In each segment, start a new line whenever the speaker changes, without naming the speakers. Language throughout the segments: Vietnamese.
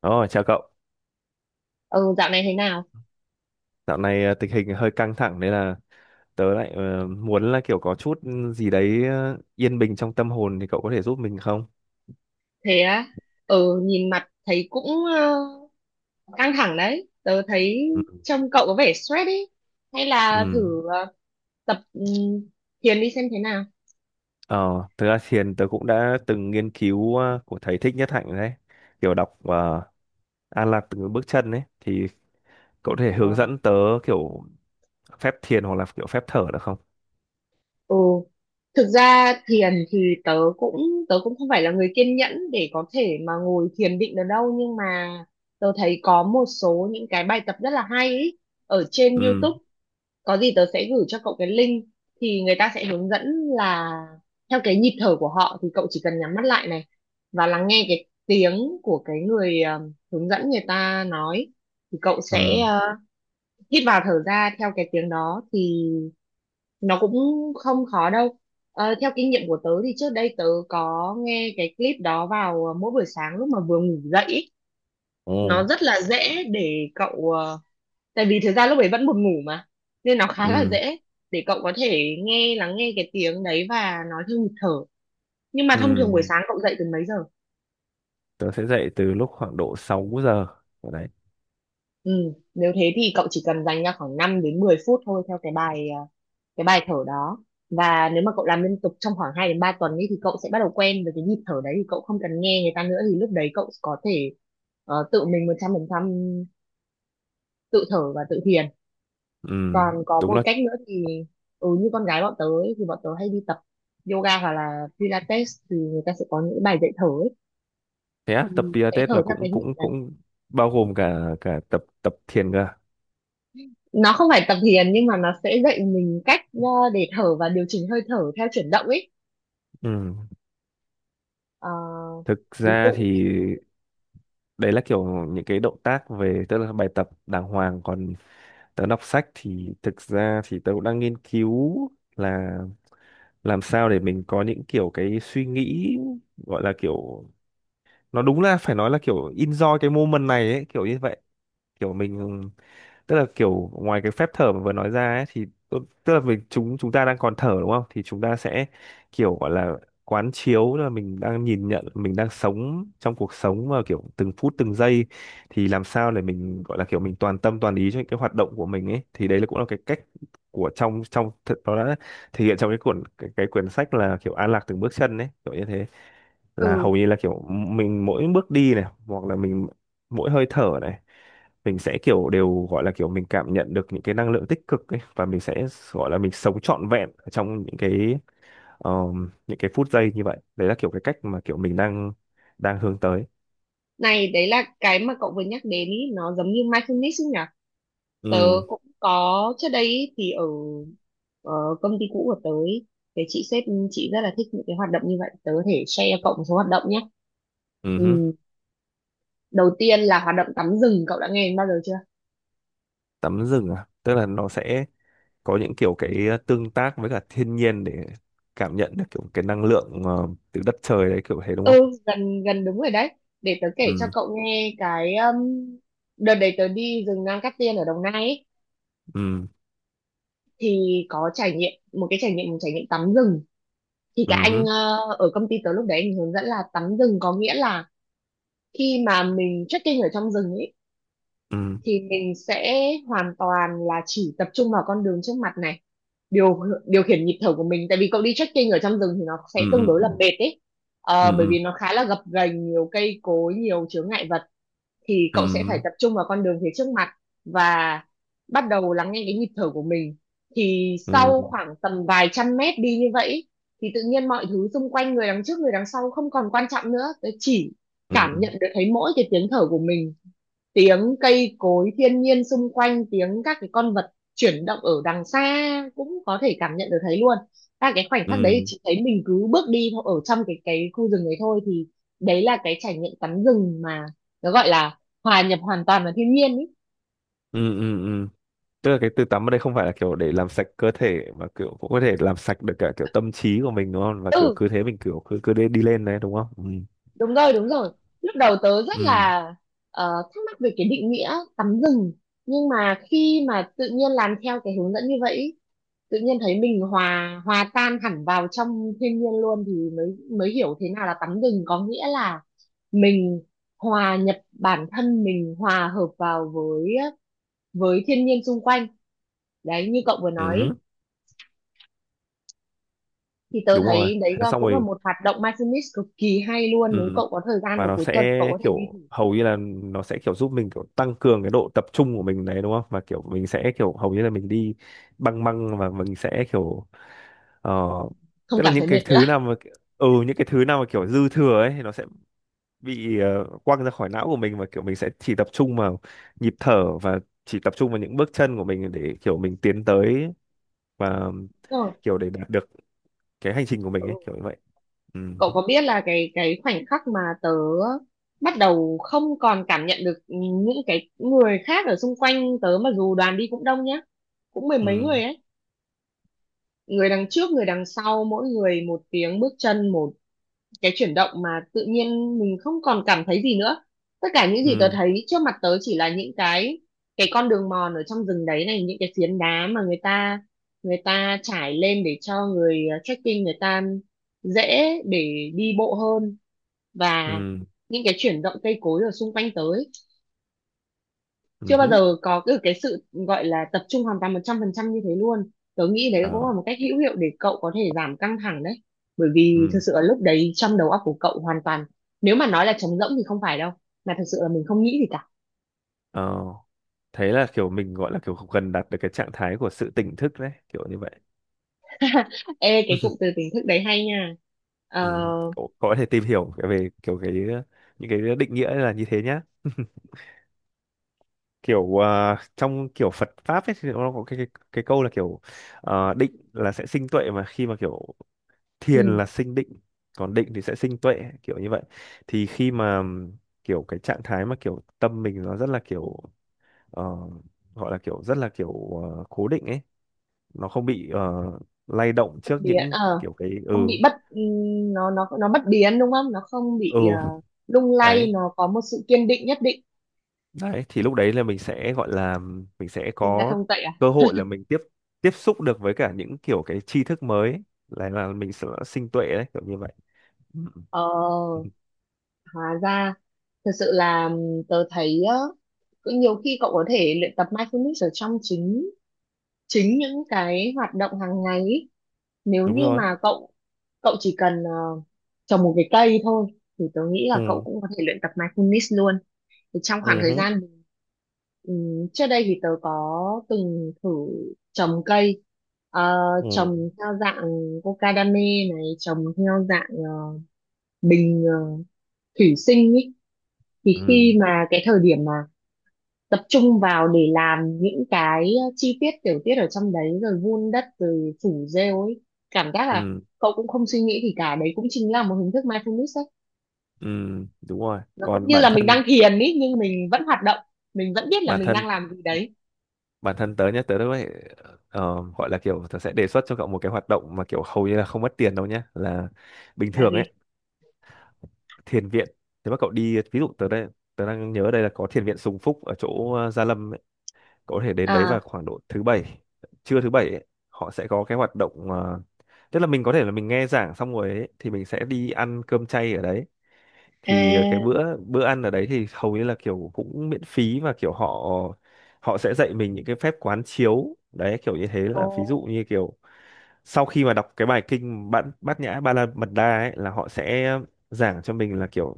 Ồ, chào cậu.
Ừ, dạo này thế nào?
Dạo này tình hình hơi căng thẳng nên là tớ lại muốn là kiểu có chút gì đấy yên bình trong tâm hồn thì cậu có thể giúp mình không?
Thế á? Ừ, nhìn mặt thấy cũng ờ, căng thẳng đấy, tớ thấy
Ừ.
trông cậu có vẻ stress ấy. Hay là
Ừ.
thử tập thiền đi xem thế nào?
Ờ, Thực ra thiền tớ cũng đã từng nghiên cứu của thầy Thích Nhất Hạnh rồi đấy. Kiểu đọc An Lạc Từ Bước Chân ấy thì cậu có thể hướng
ờ,
dẫn tớ kiểu phép thiền hoặc là kiểu phép thở được không?
ừ Thực ra thiền thì tớ cũng không phải là người kiên nhẫn để có thể mà ngồi thiền định được đâu, nhưng mà tớ thấy có một số những cái bài tập rất là hay ấy ở trên
Ừ.
YouTube. Có gì tớ sẽ gửi cho cậu cái link, thì người ta sẽ hướng dẫn là theo cái nhịp thở của họ, thì cậu chỉ cần nhắm mắt lại này và lắng nghe cái tiếng của cái người hướng dẫn, người ta nói thì cậu
Ừ.
sẽ hít vào thở ra theo cái tiếng đó, thì nó cũng không khó đâu. Ờ, theo kinh nghiệm của tớ thì trước đây tớ có nghe cái clip đó vào mỗi buổi sáng lúc mà vừa ngủ dậy ý.
Ồ.
Nó rất là dễ để cậu tại vì thực ra lúc ấy vẫn buồn ngủ mà nên nó khá là
Ừ.
dễ để cậu có thể nghe lắng nghe cái tiếng đấy và nói theo nhịp thở. Nhưng mà
Ừ.
thông thường buổi sáng cậu dậy từ mấy giờ?
Tớ sẽ dậy từ lúc khoảng độ 6 giờ. Ở đấy.
Ừ, nếu thế thì cậu chỉ cần dành ra khoảng 5 đến 10 phút thôi theo cái bài cái bài thở đó. Và nếu mà cậu làm liên tục trong khoảng 2 đến 3 tuần ấy thì cậu sẽ bắt đầu quen với cái nhịp thở đấy, thì cậu không cần nghe người ta nữa, thì lúc đấy cậu có thể tự mình 100% tự thở và tự thiền.
Ừ.
Còn có
Đúng
một
là
cách nữa thì như con gái bọn tớ ấy, thì bọn tớ hay đi tập yoga hoặc là pilates, thì người ta sẽ có những bài dạy thở ấy,
thế á,
thì
tập
sẽ
Pilates
thở
là
theo
cũng
cái nhịp
cũng
đấy.
cũng bao gồm cả cả tập tập thiền cơ à?
Nó không phải tập thiền nhưng mà nó sẽ dạy mình cách để thở và điều chỉnh hơi thở theo chuyển động ấy.
Ừ.
Ờ,
Thực
Ví
ra
dụ
thì đấy là kiểu những cái động tác về tức là bài tập đàng hoàng, còn tớ đọc sách thì thực ra thì tớ cũng đang nghiên cứu là làm sao để mình có những kiểu cái suy nghĩ gọi là kiểu nó đúng là phải nói là kiểu enjoy cái moment này ấy kiểu như vậy, kiểu mình tức là kiểu ngoài cái phép thở mà vừa nói ra ấy, thì tức là mình chúng chúng ta đang còn thở đúng không thì chúng ta sẽ kiểu gọi là quán chiếu là mình đang nhìn nhận mình đang sống trong cuộc sống mà kiểu từng phút từng giây, thì làm sao để mình gọi là kiểu mình toàn tâm toàn ý cho những cái hoạt động của mình ấy thì đấy là cũng là cái cách của trong trong nó đã thể hiện trong cái cuốn cái quyển sách là kiểu An Lạc Từng Bước Chân ấy kiểu như thế, là
nhé.
hầu như là kiểu mình mỗi bước đi này hoặc là mình mỗi hơi thở này mình sẽ kiểu đều gọi là kiểu mình cảm nhận được những cái năng lượng tích cực ấy và mình sẽ gọi là mình sống trọn vẹn ở trong những cái phút giây như vậy, đấy là kiểu cái cách mà kiểu mình đang đang hướng tới.
Này, đấy là cái mà cậu vừa nhắc đến ý, nó giống như mindfulness ấy nhỉ? Tớ
Ừ.
cũng có trước đây ý, thì ở ờ, công ty cũ của tớ ý, thì chị sếp, chị rất là thích những cái hoạt động như vậy. Tớ có thể share cho cậu một số hoạt động nhé.
Ừ
Ừ,
hứ.
đầu tiên là hoạt động tắm rừng, cậu đã nghe đến bao giờ chưa?
Tắm rừng à, tức là nó sẽ có những kiểu cái tương tác với cả thiên nhiên để cảm nhận được kiểu cái năng lượng từ đất trời đấy kiểu thế đúng không?
Ừ, gần gần đúng rồi đấy. Để tớ kể cho
Ừ,
cậu nghe cái đợt đấy tớ đi rừng Nam Cát Tiên ở Đồng Nai ấy,
ừ,
thì có trải nghiệm một cái trải nghiệm một trải nghiệm tắm rừng. Thì cả
ừ
anh
hứ,
ở công ty tớ lúc đấy anh hướng dẫn là tắm rừng có nghĩa là khi mà mình trekking ở trong rừng ấy
ừ,
thì mình sẽ hoàn toàn là chỉ tập trung vào con đường trước mặt này, điều điều khiển nhịp thở của mình, tại vì cậu đi trekking ở trong rừng thì nó
ừ,
sẽ tương đối
ừ,
là mệt ấy. Ờ, bởi
ừ,
vì nó khá là gập ghềnh, nhiều cây cối, nhiều chướng ngại vật, thì
ừ,
cậu sẽ phải tập trung vào con đường phía trước mặt và bắt đầu lắng nghe cái nhịp thở của mình, thì
ừ,
sau khoảng tầm vài trăm mét đi như vậy ý, thì tự nhiên mọi thứ xung quanh, người đằng trước người đằng sau không còn quan trọng nữa, tớ chỉ
ừ, ừ, ừ, ừ,
cảm
ừ,
nhận được thấy mỗi cái tiếng thở của mình, tiếng cây cối thiên nhiên xung quanh, tiếng các cái con vật chuyển động ở đằng xa cũng có thể cảm nhận được thấy luôn. Và cái khoảnh khắc đấy thì chị thấy mình cứ bước đi thôi, ở trong cái khu rừng đấy thôi, thì đấy là cái trải nghiệm tắm rừng mà nó gọi là hòa nhập hoàn toàn vào thiên nhiên ý.
ừ, ừ, ừ, ừ. Tức là cái từ tắm ở đây không phải là kiểu để làm sạch cơ thể mà kiểu cũng có thể làm sạch được cả kiểu tâm trí của mình đúng không, và kiểu
Ừ,
cứ thế mình kiểu cứ cứ đi, đi lên đấy đúng không? Ừ,
đúng rồi đúng rồi. Lúc đầu tớ rất
ừ,
là thắc mắc về cái định nghĩa tắm rừng, nhưng mà khi mà tự nhiên làm theo cái hướng dẫn như vậy, tự nhiên thấy mình hòa hòa tan hẳn vào trong thiên nhiên luôn, thì mới mới hiểu thế nào là tắm rừng, có nghĩa là mình hòa nhập bản thân, mình hòa hợp vào với thiên nhiên xung quanh, đấy như cậu vừa nói,
ừ.
thì tớ
Đúng rồi,
thấy đấy
thế
là
xong
cũng là
rồi.
một hoạt động mindfulness cực kỳ hay luôn, nếu
Ừ,
cậu có thời gian
và
vào
nó
cuối tuần cậu
sẽ
có thể đi thử.
kiểu hầu như là nó sẽ kiểu giúp mình kiểu tăng cường cái độ tập trung của mình đấy đúng không, và kiểu mình sẽ kiểu hầu như là mình đi băng băng, và mình sẽ kiểu ờ,
Không
tức là
cảm thấy mệt nữa.
những cái thứ nào mà kiểu dư thừa ấy thì nó sẽ bị quăng ra khỏi não của mình, và kiểu mình sẽ chỉ tập trung vào nhịp thở và chỉ tập trung vào những bước chân của mình để kiểu mình tiến tới và
Rồi.
kiểu để đạt được cái hành trình của mình ấy
Ừ.
kiểu như vậy. Ừ,
Cậu có biết là cái khoảnh khắc mà tớ bắt đầu không còn cảm nhận được những cái người khác ở xung quanh tớ mà, dù đoàn đi cũng đông nhá, cũng mười mấy
ừ,
người ấy, người đằng trước người đằng sau, mỗi người một tiếng bước chân, một cái chuyển động mà tự nhiên mình không còn cảm thấy gì nữa. Tất cả những gì tớ
ừ,
thấy trước mặt tớ chỉ là những cái con đường mòn ở trong rừng đấy này, những cái phiến đá mà người ta trải lên để cho người trekking người ta dễ để đi bộ hơn, và
ừ,
những cái chuyển động cây cối ở xung quanh tớ ấy, chưa
ừ
bao
hứ.
giờ có cái sự gọi là tập trung hoàn toàn 100% như thế luôn. Tớ nghĩ đấy cũng là
ờ
một cách hữu hiệu để cậu có thể giảm căng thẳng đấy, bởi vì thực
ừ
sự là lúc đấy trong đầu óc của cậu hoàn toàn, nếu mà nói là trống rỗng thì không phải đâu, mà thật sự là mình không nghĩ gì cả.
ờ Thế là kiểu mình gọi là kiểu gần đạt được cái trạng thái của sự tỉnh thức đấy kiểu như vậy.
Ê, cái cụm từ tỉnh thức đấy hay nha. Ờ.
Ừ. cậu cậu có thể tìm hiểu về kiểu cái những cái định nghĩa là như thế nhá, kiểu trong kiểu Phật pháp ấy thì nó có cái câu là kiểu định là sẽ sinh tuệ, mà khi mà kiểu thiền
Ừ.
là sinh định, còn định thì sẽ sinh tuệ kiểu như vậy. Thì khi mà kiểu cái trạng thái mà kiểu tâm mình nó rất là kiểu ờ, gọi là kiểu rất là kiểu cố định ấy, nó không bị lay động
Bất
trước
biến.
những
Ờ
kiểu cái
không bị bất, nó bất biến, đúng không? Nó không bị
ừ
lung
đấy
lay, nó có một sự kiên định nhất định.
đấy thì lúc đấy là mình sẽ gọi là mình sẽ
Sinh ra
có
thông tuệ à?
cơ hội là mình tiếp tiếp xúc được với cả những kiểu cái tri thức mới, là mình sẽ sinh tuệ đấy kiểu như vậy. Ừ. Ừ,
Ờ. Hóa ra thật sự là tớ thấy á, cũng nhiều khi cậu có thể luyện tập mindfulness ở trong chính chính những cái hoạt động hàng ngày ý. Nếu
đúng
như
rồi.
mà cậu cậu chỉ cần trồng một cái cây thôi thì tớ nghĩ là cậu
Ừ,
cũng có thể luyện tập mindfulness luôn. Thì trong
ừ
khoảng thời
hứ,
gian trước đây thì tớ có từng thử trồng cây, ờ, trồng
ừ,
theo dạng cocadame này, trồng theo dạng bình thủy sinh ý. Thì
ừ,
khi mà cái thời điểm mà tập trung vào để làm những cái chi tiết tiểu tiết ở trong đấy, rồi vun đất rồi phủ rêu ấy, cảm giác là
ừ,
cậu cũng không suy nghĩ thì cả đấy cũng chính là một hình thức mindfulness ấy.
ừ. Đúng rồi,
Nó cũng
còn
như là mình đang thiền ấy nhưng mình vẫn hoạt động, mình vẫn biết là
bản
mình
thân
đang làm gì đấy.
bản thân tớ nhé, tớ đã vậy, gọi là kiểu tớ sẽ đề xuất cho cậu một cái hoạt động mà kiểu hầu như là không mất tiền đâu nhé, là bình
Là
thường
gì?
ấy, thiền viện, nếu mà cậu đi, ví dụ tớ đây, tớ đang nhớ đây là có thiền viện Sùng Phúc ở chỗ Gia Lâm ấy, có thể đến đấy vào
À.
khoảng độ thứ bảy, trưa thứ bảy ấy, họ sẽ có cái hoạt động tức là mình có thể là mình nghe giảng xong rồi ấy, thì mình sẽ đi ăn cơm chay ở đấy, thì
À.
cái bữa bữa ăn ở đấy thì hầu như là kiểu cũng miễn phí, và kiểu họ họ sẽ dạy mình những cái phép quán chiếu đấy kiểu như thế,
Ồ.
là ví dụ như kiểu sau khi mà đọc cái bài kinh Bát Bát Nhã Ba La Mật Đa ấy là họ sẽ giảng cho mình là kiểu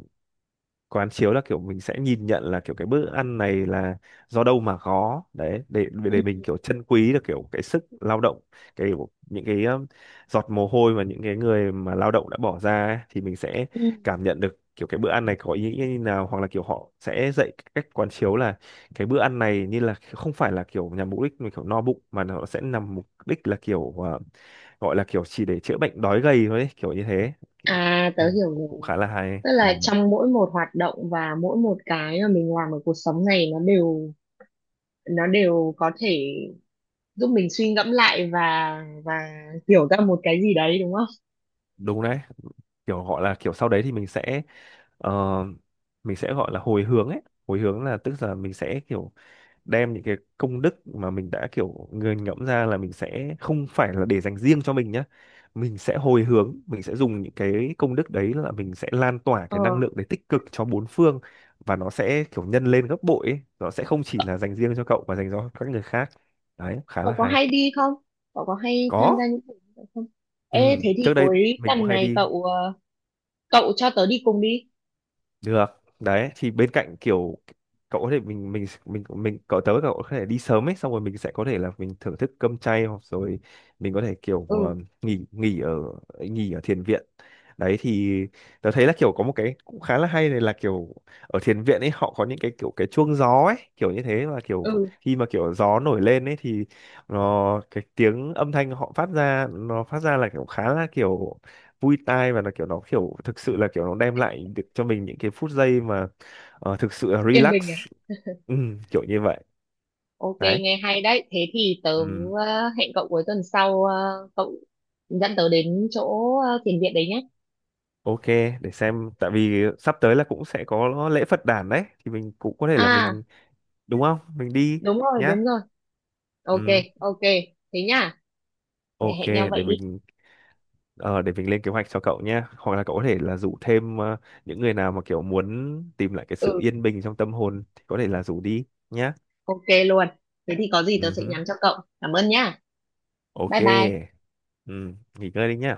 quán chiếu là kiểu mình sẽ nhìn nhận là kiểu cái bữa ăn này là do đâu mà có đấy, để mình
Ừ.
kiểu trân quý được kiểu cái sức lao động, cái kiểu những cái giọt mồ hôi mà những cái người mà lao động đã bỏ ra ấy, thì mình sẽ
Ừ.
cảm nhận được kiểu cái bữa ăn này có ý nghĩa như nào, hoặc là kiểu họ sẽ dạy cách quán chiếu là cái bữa ăn này như là không phải là kiểu nhằm mục đích mình kiểu no bụng, mà nó sẽ nằm mục đích là kiểu gọi là kiểu chỉ để chữa bệnh đói gầy thôi ấy, kiểu như thế.
À,
Ừ,
tớ hiểu
cũng cũng
rồi.
khá là hay.
Tức
Ừ.
là trong mỗi một hoạt động và mỗi một cái mà mình làm ở cuộc sống này, nó đều có thể giúp mình suy ngẫm lại và hiểu ra một cái gì đấy, đúng không?
Đúng đấy, kiểu gọi là kiểu sau đấy thì mình sẽ ờ, mình sẽ gọi là hồi hướng ấy, hồi hướng là tức là mình sẽ kiểu đem những cái công đức mà mình đã kiểu nghiền ngẫm ra là mình sẽ không phải là để dành riêng cho mình nhá, mình sẽ hồi hướng, mình sẽ dùng những cái công đức đấy là mình sẽ lan tỏa
Ờ,
cái năng lượng đấy tích cực cho bốn phương, và nó sẽ kiểu nhân lên gấp bội ấy. Nó sẽ không chỉ là dành riêng cho cậu mà dành cho các người khác, đấy khá
cậu
là
có
hay.
hay đi không? Cậu có hay tham
Có.
gia những buổi như vậy không?
Ừ,
Ê, thế thì
trước đây
cuối
mình cũng
tuần
hay
này
đi.
cậu cho tớ đi cùng đi.
Được. Đấy thì bên cạnh kiểu cậu có thể mình cậu tới cậu có thể đi sớm ấy, xong rồi mình sẽ có thể là mình thưởng thức cơm chay, hoặc rồi mình có thể kiểu
Ừ,
nghỉ nghỉ ở thiền viện. Đấy thì tớ thấy là kiểu có một cái cũng khá là hay này, là kiểu ở thiền viện ấy họ có những cái kiểu cái chuông gió ấy, kiểu như thế, và kiểu
ừ,
khi mà kiểu gió nổi lên ấy thì nó cái tiếng âm thanh họ phát ra, nó phát ra là kiểu khá là kiểu vui tai, và là kiểu nó kiểu thực sự là kiểu nó đem lại được cho mình những cái phút giây mà thực sự là
Yên Bình
relax.
à?
Ừ, kiểu như vậy
Ok,
đấy.
nghe hay đấy. Thế thì tớ
Ừ,
hẹn cậu cuối tuần sau cậu dẫn tớ đến chỗ thiền viện đấy nhé.
OK, để xem, tại vì sắp tới là cũng sẽ có lễ Phật đản đấy thì mình cũng có thể là
À,
mình đúng không mình đi
đúng rồi,
nhá.
đúng rồi. Ok,
Ừ,
ok. Thế nhá. Lại
OK,
hẹn nhau vậy đi.
để mình lên kế hoạch cho cậu nhá, hoặc là cậu có thể là rủ thêm những người nào mà kiểu muốn tìm lại cái sự
Ừ,
yên bình trong tâm hồn thì có thể là rủ đi nhá.
ok luôn. Thế thì có gì tớ
Ừ
sẽ
hứ.
nhắn cho cậu. Cảm ơn nhá. Bye
OK.
bye.
Ừ, nghỉ ngơi đi nhá.